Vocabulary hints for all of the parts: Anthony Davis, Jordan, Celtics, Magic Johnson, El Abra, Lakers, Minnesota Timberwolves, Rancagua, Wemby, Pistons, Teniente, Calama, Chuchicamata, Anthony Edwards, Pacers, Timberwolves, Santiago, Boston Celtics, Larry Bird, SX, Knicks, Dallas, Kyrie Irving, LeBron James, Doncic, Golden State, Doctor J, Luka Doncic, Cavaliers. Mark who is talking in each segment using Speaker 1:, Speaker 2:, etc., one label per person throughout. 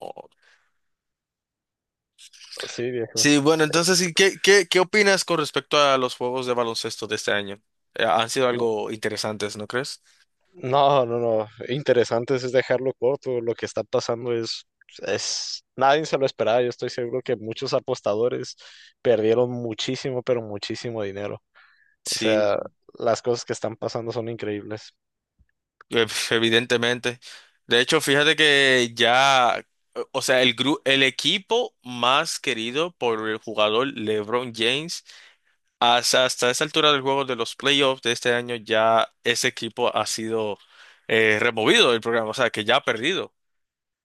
Speaker 1: Oh.
Speaker 2: Sí, viejo.
Speaker 1: Sí, bueno, entonces, ¿Qué opinas con respecto a los juegos de baloncesto de este año? Han sido algo interesantes, ¿no crees?
Speaker 2: No, no, no. Interesante es dejarlo corto. Lo que está pasando es, nadie se lo esperaba. Yo estoy seguro que muchos apostadores perdieron muchísimo, pero muchísimo dinero. O
Speaker 1: Sí,
Speaker 2: sea, las cosas que están pasando son increíbles.
Speaker 1: evidentemente. De hecho, fíjate que ya, o sea, el equipo más querido por el jugador LeBron James, hasta esa altura del juego de los playoffs de este año, ya ese equipo ha sido removido del programa, o sea, que ya ha perdido.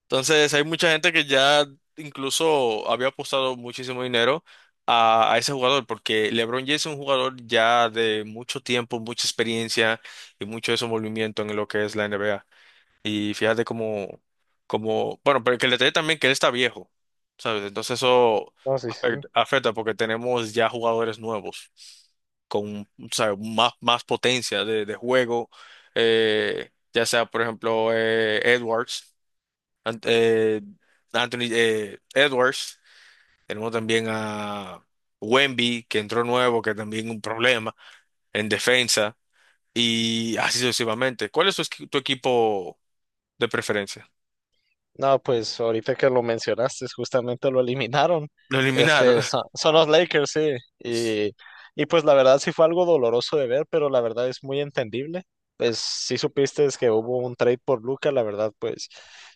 Speaker 1: Entonces, hay mucha gente que ya incluso había apostado muchísimo dinero a ese jugador, porque LeBron James es un jugador ya de mucho tiempo, mucha experiencia y mucho desenvolvimiento en lo que es la NBA. Y fíjate cómo, bueno, pero que el detalle también que él está viejo, ¿sabes? Entonces eso
Speaker 2: No, sí, sí.
Speaker 1: afecta, afecta porque tenemos ya jugadores nuevos con, ¿sabes? Más, más potencia de juego, ya sea, por ejemplo, Edwards. Ant- eh, Anthony Edwards, tenemos también a Wemby, que entró nuevo, que también un problema en defensa, y así sucesivamente. ¿Cuál es tu equipo de preferencia?
Speaker 2: No, pues ahorita que lo mencionaste, justamente lo eliminaron.
Speaker 1: Lo eliminaron.
Speaker 2: Este, son los Lakers, sí. Y, y pues la verdad sí fue algo doloroso de ver, pero la verdad es muy entendible. Pues sí supiste es que hubo un trade por Luca, la verdad, pues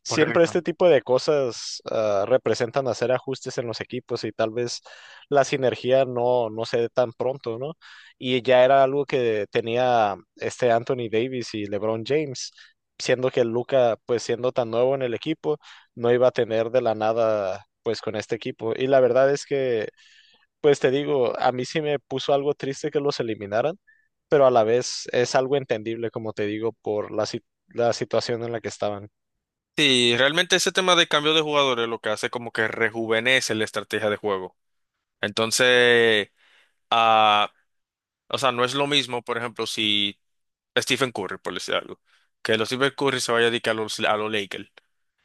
Speaker 2: siempre este
Speaker 1: Correcto.
Speaker 2: tipo de cosas representan hacer ajustes en los equipos y tal vez la sinergia no se dé tan pronto, ¿no? Y ya era algo que tenía este Anthony Davis y LeBron James, siendo que Luca, pues siendo tan nuevo en el equipo, no iba a tener de la nada, pues con este equipo. Y la verdad es que, pues te digo, a mí sí me puso algo triste que los eliminaran, pero a la vez es algo entendible, como te digo, por la, si- la situación en la que estaban.
Speaker 1: Sí, realmente ese tema de cambio de jugadores lo que hace como que rejuvenece la estrategia de juego. Entonces, ah, o sea, no es lo mismo, por ejemplo, si Stephen Curry, por decir algo, que los Stephen Curry se vaya a dedicar a los Lakers.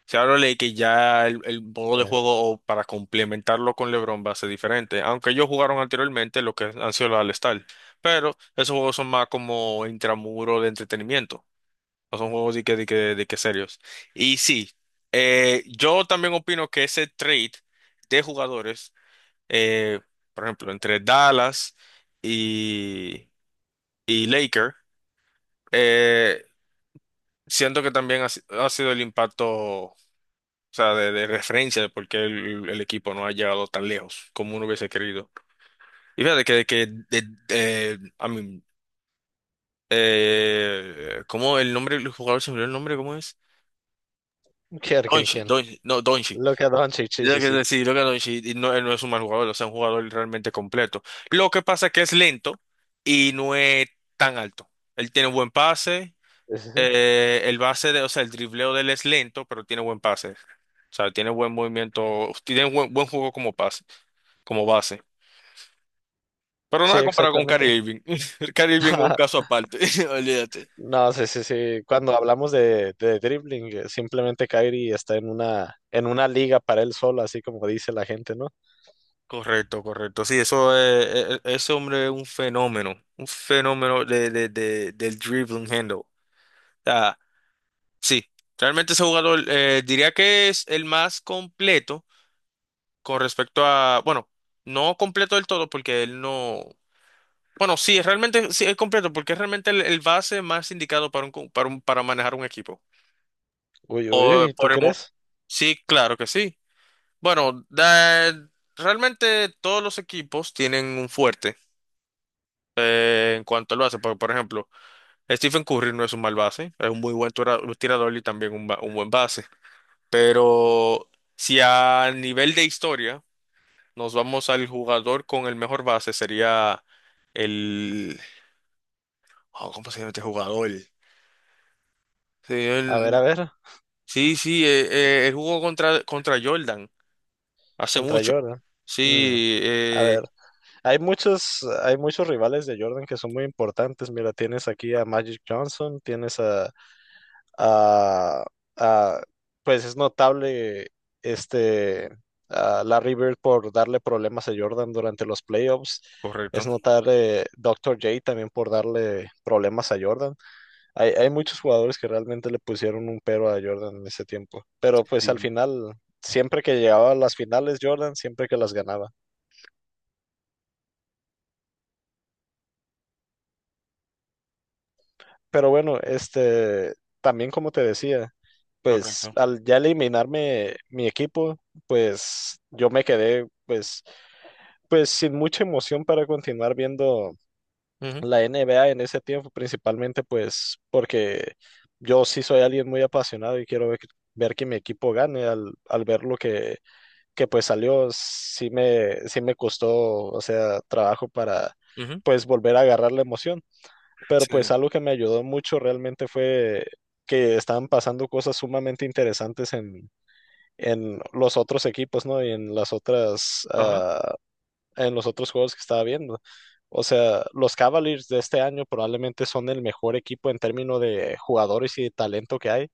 Speaker 1: Se habla de que ya el modo de
Speaker 2: Eh,
Speaker 1: juego o para complementarlo con LeBron va a ser diferente, aunque ellos jugaron anteriormente lo que han sido los All-Star, pero esos juegos son más como intramuro de entretenimiento, no son juegos de que serios. Y sí, yo también opino que ese trade de jugadores, eh, por ejemplo, entre Dallas y, y Laker, eh, siento que también ha, si- ha sido el impacto. O sea, de referencia de por qué el equipo no ha llegado tan lejos como uno hubiese querido. Y fíjate que de- I mean, ¿cómo el nombre del jugador se me olvidó el nombre? ¿Cómo es? Doncic,
Speaker 2: Quién?
Speaker 1: Doncic, no, Doncic.
Speaker 2: Luka Doncic, sí,
Speaker 1: Yo
Speaker 2: sí,
Speaker 1: creo
Speaker 2: sí.
Speaker 1: que sí, lo que Doncic y no, él no es un mal jugador, o sea, un jugador realmente completo. Lo que pasa es que es lento y no es tan alto. Él tiene buen pase.
Speaker 2: Sí, sí, sí.
Speaker 1: El base de, o sea, el dribleo de él es lento, pero tiene buen pase. O sea, tiene buen movimiento, tiene buen, buen juego como pase, como base. Pero
Speaker 2: Sí,
Speaker 1: nada comparado con
Speaker 2: exactamente.
Speaker 1: Kyrie Irving. Kyrie Irving es un caso aparte, olvídate.
Speaker 2: No, sí, sí, sí. Cuando hablamos de dribbling, simplemente Kyrie está en una liga para él solo, así como dice la gente, ¿no?
Speaker 1: Correcto, correcto. Sí, eso es, ese hombre es un fenómeno del dribbling handle. O sea, sí, realmente ese jugador diría que es el más completo con respecto a, bueno, no completo del todo porque él no. Bueno, sí, es realmente sí, es completo porque es realmente el base más indicado para un, cu- para un- para manejar un equipo.
Speaker 2: Uy, uy,
Speaker 1: O
Speaker 2: uy, ¿tú
Speaker 1: por el mo-
Speaker 2: crees?
Speaker 1: Sí, claro que sí. Bueno, realmente todos los equipos tienen un fuerte en cuanto al base. Por ejemplo, Stephen Curry no es un mal base, es un muy buen tirador y también un buen base. Pero si a nivel de historia nos vamos al jugador con el mejor base sería el oh, ¿cómo se llama este jugador?
Speaker 2: A
Speaker 1: Sí,
Speaker 2: ver,
Speaker 1: sí, sí, él jugó contra Jordan hace
Speaker 2: contra
Speaker 1: mucho.
Speaker 2: Jordan. Mm,
Speaker 1: Sí,
Speaker 2: a ver. Hay muchos rivales de Jordan que son muy importantes. Mira, tienes aquí a Magic Johnson, tienes a- a- pues es notable este a Larry Bird por darle problemas a Jordan durante los playoffs. Es
Speaker 1: correcto.
Speaker 2: notable Doctor J también por darle problemas a Jordan. Hay muchos jugadores que realmente le pusieron un pero a Jordan en ese tiempo. Pero pues al
Speaker 1: Sí,
Speaker 2: final, siempre que llegaba a las finales, Jordan siempre que las ganaba. Pero bueno, este, también como te decía, pues
Speaker 1: correcto.
Speaker 2: al ya eliminarme mi equipo, pues yo me quedé pues sin mucha emoción para continuar viendo
Speaker 1: Ujú,
Speaker 2: la NBA en ese tiempo, principalmente pues porque yo sí soy alguien muy apasionado y quiero ver que mi equipo gane al ver lo que pues salió, sí me costó, o sea, trabajo para
Speaker 1: ujú.
Speaker 2: pues volver a agarrar la emoción, pero
Speaker 1: Sí,
Speaker 2: pues algo que me ayudó mucho realmente fue que estaban pasando cosas sumamente interesantes en los otros equipos, ¿no? Y en las otras,
Speaker 1: ajá.
Speaker 2: en los otros juegos que estaba viendo. O sea, los Cavaliers de este año probablemente son el mejor equipo en términos de jugadores y de talento que hay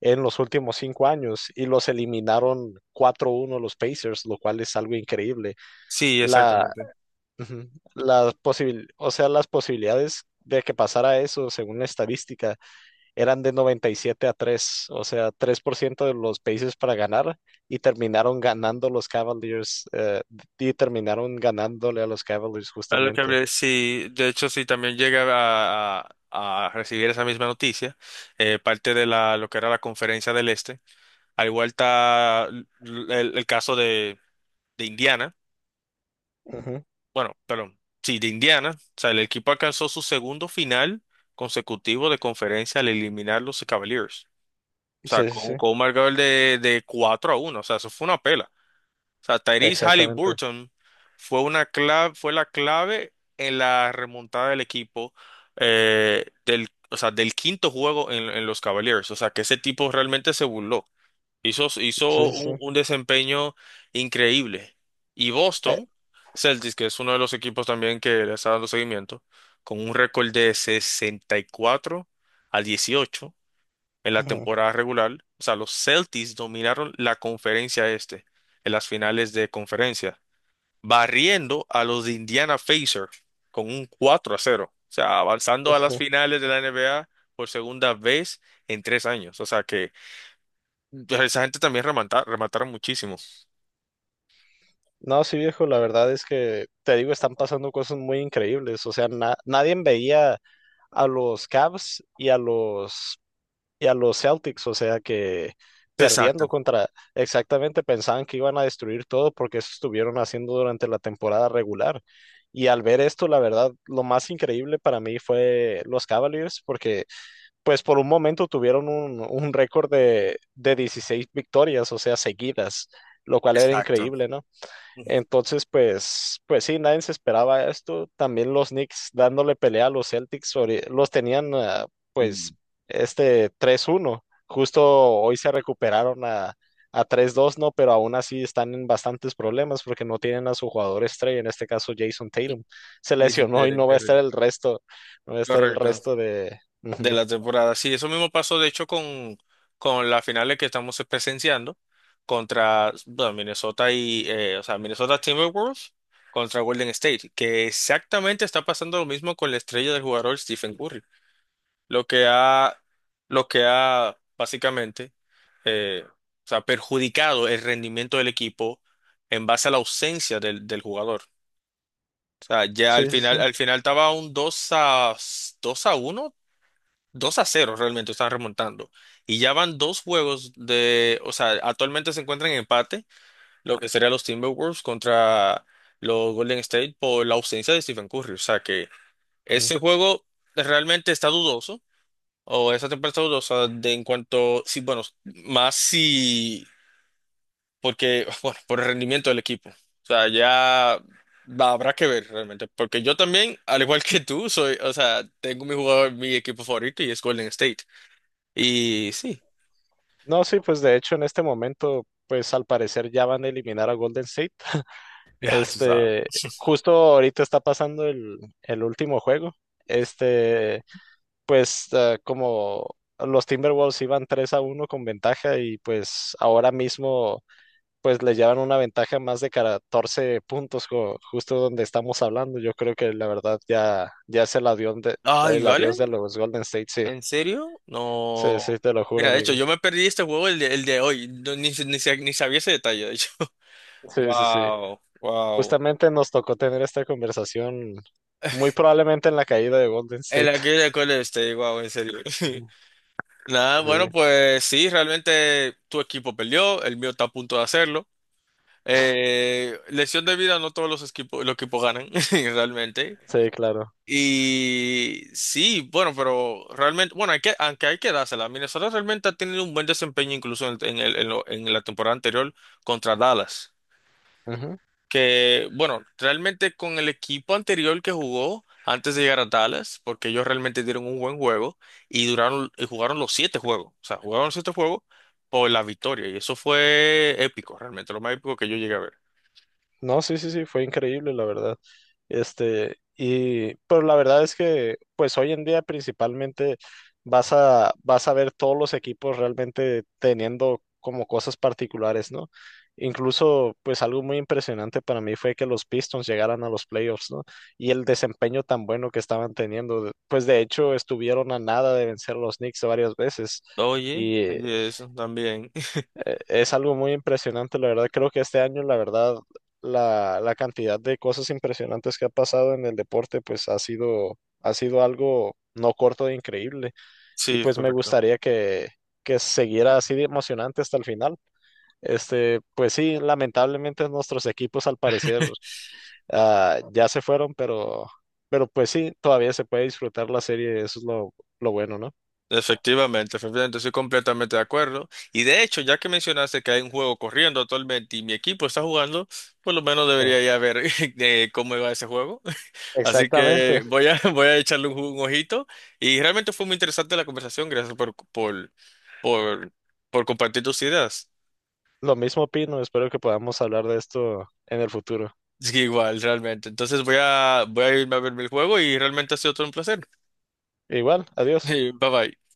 Speaker 2: en los últimos 5 años y los eliminaron 4-1 los Pacers, lo cual es algo increíble.
Speaker 1: Sí,
Speaker 2: La,
Speaker 1: exactamente.
Speaker 2: Ujú. O sea, las posibilidades de que pasara eso, según la estadística, eran de 97-3, o sea, 3% de los países para ganar y terminaron ganando los Cavaliers, y terminaron ganándole a los Cavaliers
Speaker 1: A lo que
Speaker 2: justamente.
Speaker 1: hablé, sí, de hecho, sí, también llega a recibir esa misma noticia, parte de la, lo que era la conferencia del Este. Al igual está el caso de Indiana.
Speaker 2: Ujú.
Speaker 1: Bueno, perdón, sí, de Indiana, o sea, el equipo alcanzó su segundo final consecutivo de conferencia al eliminar los Cavaliers. O sea,
Speaker 2: Sí, sí,
Speaker 1: con,
Speaker 2: sí,
Speaker 1: con un marcador de 4-1, o sea, eso fue una pela. O sea, Tyrese
Speaker 2: exactamente.
Speaker 1: Halliburton fue, una clave, fue la clave en la remontada del equipo del, o sea, del quinto juego en los Cavaliers. O sea, que ese tipo realmente se burló. Hizo,
Speaker 2: Sí,
Speaker 1: hizo
Speaker 2: sí, sí.
Speaker 1: un desempeño increíble. Y
Speaker 2: Eh,
Speaker 1: Boston Celtics, que es uno de los equipos también que le está dando seguimiento, con un récord de 64-18 en la
Speaker 2: ujú.
Speaker 1: temporada regular. O sea, los Celtics dominaron la conferencia este en las finales de conferencia, barriendo a los de Indiana Pacers con un 4-0. O sea,
Speaker 2: Sí,
Speaker 1: avanzando a
Speaker 2: sí, sí.
Speaker 1: las finales de la NBA por segunda vez en 3 años. O sea, que pero esa gente también remataron muchísimo.
Speaker 2: No, sí, viejo, la verdad es que te digo, están pasando cosas muy increíbles, o sea, nadie veía a los Cavs y a los Celtics, o sea que perdiendo
Speaker 1: Exacto,
Speaker 2: contra, exactamente pensaban que iban a destruir todo porque eso estuvieron haciendo durante la temporada regular. Y al ver esto, la verdad, lo más increíble para mí fue los Cavaliers, porque pues por un momento tuvieron un récord de 16 victorias, o sea, seguidas, lo cual era
Speaker 1: exacto.
Speaker 2: increíble, ¿no? Entonces, pues sí, nadie se esperaba esto. También los Knicks dándole pelea a los Celtics, los tenían, pues,
Speaker 1: Sí.
Speaker 2: este, 3-1. Justo hoy se recuperaron a 3-2, ¿no? Pero aún así están en bastantes problemas porque no tienen a su jugador estrella, en este caso Jason Tatum. Se
Speaker 1: Sí, sí, te
Speaker 2: lesionó y
Speaker 1: diré,
Speaker 2: no va a estar
Speaker 1: correcto.
Speaker 2: el resto, no va a estar el
Speaker 1: Correcto.
Speaker 2: resto de...
Speaker 1: De
Speaker 2: Ujú.
Speaker 1: la temporada. Sí, eso mismo pasó, de hecho, con las finales que estamos presenciando contra, bueno, Minnesota y, o sea, Minnesota Timberwolves contra Golden State, que exactamente está pasando lo mismo con la estrella del jugador Stephen Curry. Lo que ha, lo que ha básicamente o sea, perjudicado el rendimiento del equipo en base a la ausencia del jugador. O sea, ya
Speaker 2: Sí, sí, sí.
Speaker 1: al final estaba un 2-1 2-0 realmente, están remontando. Y ya van dos juegos de, o sea, actualmente se encuentran en empate, lo que serían los Timberwolves contra los Golden State por la ausencia de Stephen Curry. O sea que
Speaker 2: Mm.
Speaker 1: ese juego realmente está dudoso o esa temperatura, o sea, de en cuanto, sí, bueno, más si, porque, bueno, por el rendimiento del equipo. O sea, ya habrá que ver realmente, porque yo también, al igual que tú, soy, o sea, tengo mi jugador, mi equipo favorito y es Golden State. Y sí,
Speaker 2: No, sí, pues de hecho en este momento, pues al parecer ya van a eliminar a Golden State.
Speaker 1: ya, tú sabes.
Speaker 2: Este, justo ahorita está pasando el último juego. Este, pues como los Timberwolves iban 3-1 con ventaja y pues ahora mismo pues le llevan una ventaja más de 14 puntos justo donde estamos hablando. Yo creo que la verdad ya, ya es el adiós
Speaker 1: Ay,
Speaker 2: el
Speaker 1: ¿vale?
Speaker 2: adiós de los Golden State, sí.
Speaker 1: ¿En serio?
Speaker 2: Sí,
Speaker 1: No.
Speaker 2: sí, te lo juro,
Speaker 1: Mira, de hecho,
Speaker 2: amigo.
Speaker 1: yo me perdí este juego el de hoy. No, ni sabía ese detalle, de hecho.
Speaker 2: Sí, sí, sí.
Speaker 1: Wow, wow.
Speaker 2: Justamente nos tocó tener esta conversación muy probablemente en la caída de Golden
Speaker 1: El
Speaker 2: State.
Speaker 1: aquel de Golden State, wow, en serio. Nada, bueno,
Speaker 2: Sí.
Speaker 1: pues sí, realmente tu equipo perdió, el mío está a punto de hacerlo. Lesión de vida, no todos los equipos, ganan, realmente.
Speaker 2: Sí, claro.
Speaker 1: Y sí, bueno, pero realmente, bueno, hay que, aunque hay que dársela, Minnesota realmente ha tenido un buen desempeño incluso en el- en lo- en la temporada anterior contra Dallas
Speaker 2: Ujú.
Speaker 1: que, bueno, realmente con el equipo anterior que jugó antes de llegar a Dallas, porque ellos realmente dieron un buen juego y duraron y jugaron los siete juegos, o sea, jugaron los siete juegos por la victoria y eso fue épico, realmente lo más épico que yo llegué a ver.
Speaker 2: No, sí, sí, sí, fue increíble, la verdad. Este, y, pero la verdad es que, pues hoy en día principalmente vas a ver todos los equipos realmente teniendo como cosas particulares, ¿no? Incluso, pues algo muy impresionante para mí fue que los Pistons llegaran a los playoffs, ¿no? Y el desempeño tan bueno que estaban teniendo. Pues de hecho, estuvieron a nada de vencer a los Knicks varias veces.
Speaker 1: Oye, oye, eso también.
Speaker 2: Es algo muy impresionante, la verdad. Creo que este año, la verdad, la cantidad de cosas impresionantes que ha pasado en el deporte, pues ha sido algo no corto de increíble. Y
Speaker 1: Sí, es
Speaker 2: pues me
Speaker 1: correcto.
Speaker 2: gustaría que siguiera así de emocionante hasta el final. Este, pues sí, lamentablemente nuestros equipos al parecer ya se fueron, pero pues sí, todavía se puede disfrutar la serie, eso es lo bueno, ¿no?
Speaker 1: Efectivamente, efectivamente, estoy completamente de acuerdo. Y de hecho, ya que mencionaste que hay un juego corriendo actualmente y mi equipo está jugando, por lo menos
Speaker 2: Ah,
Speaker 1: debería ya ver cómo va ese juego. Así
Speaker 2: exactamente.
Speaker 1: que voy a echarle un ojito. Y realmente fue muy interesante la conversación. Gracias por, por compartir tus ideas.
Speaker 2: Lo mismo opino, espero que podamos hablar de esto en el futuro.
Speaker 1: Sí, igual, realmente. Entonces voy a irme a ver el juego y realmente ha sido todo un placer.
Speaker 2: Igual, adiós.
Speaker 1: Bye bye.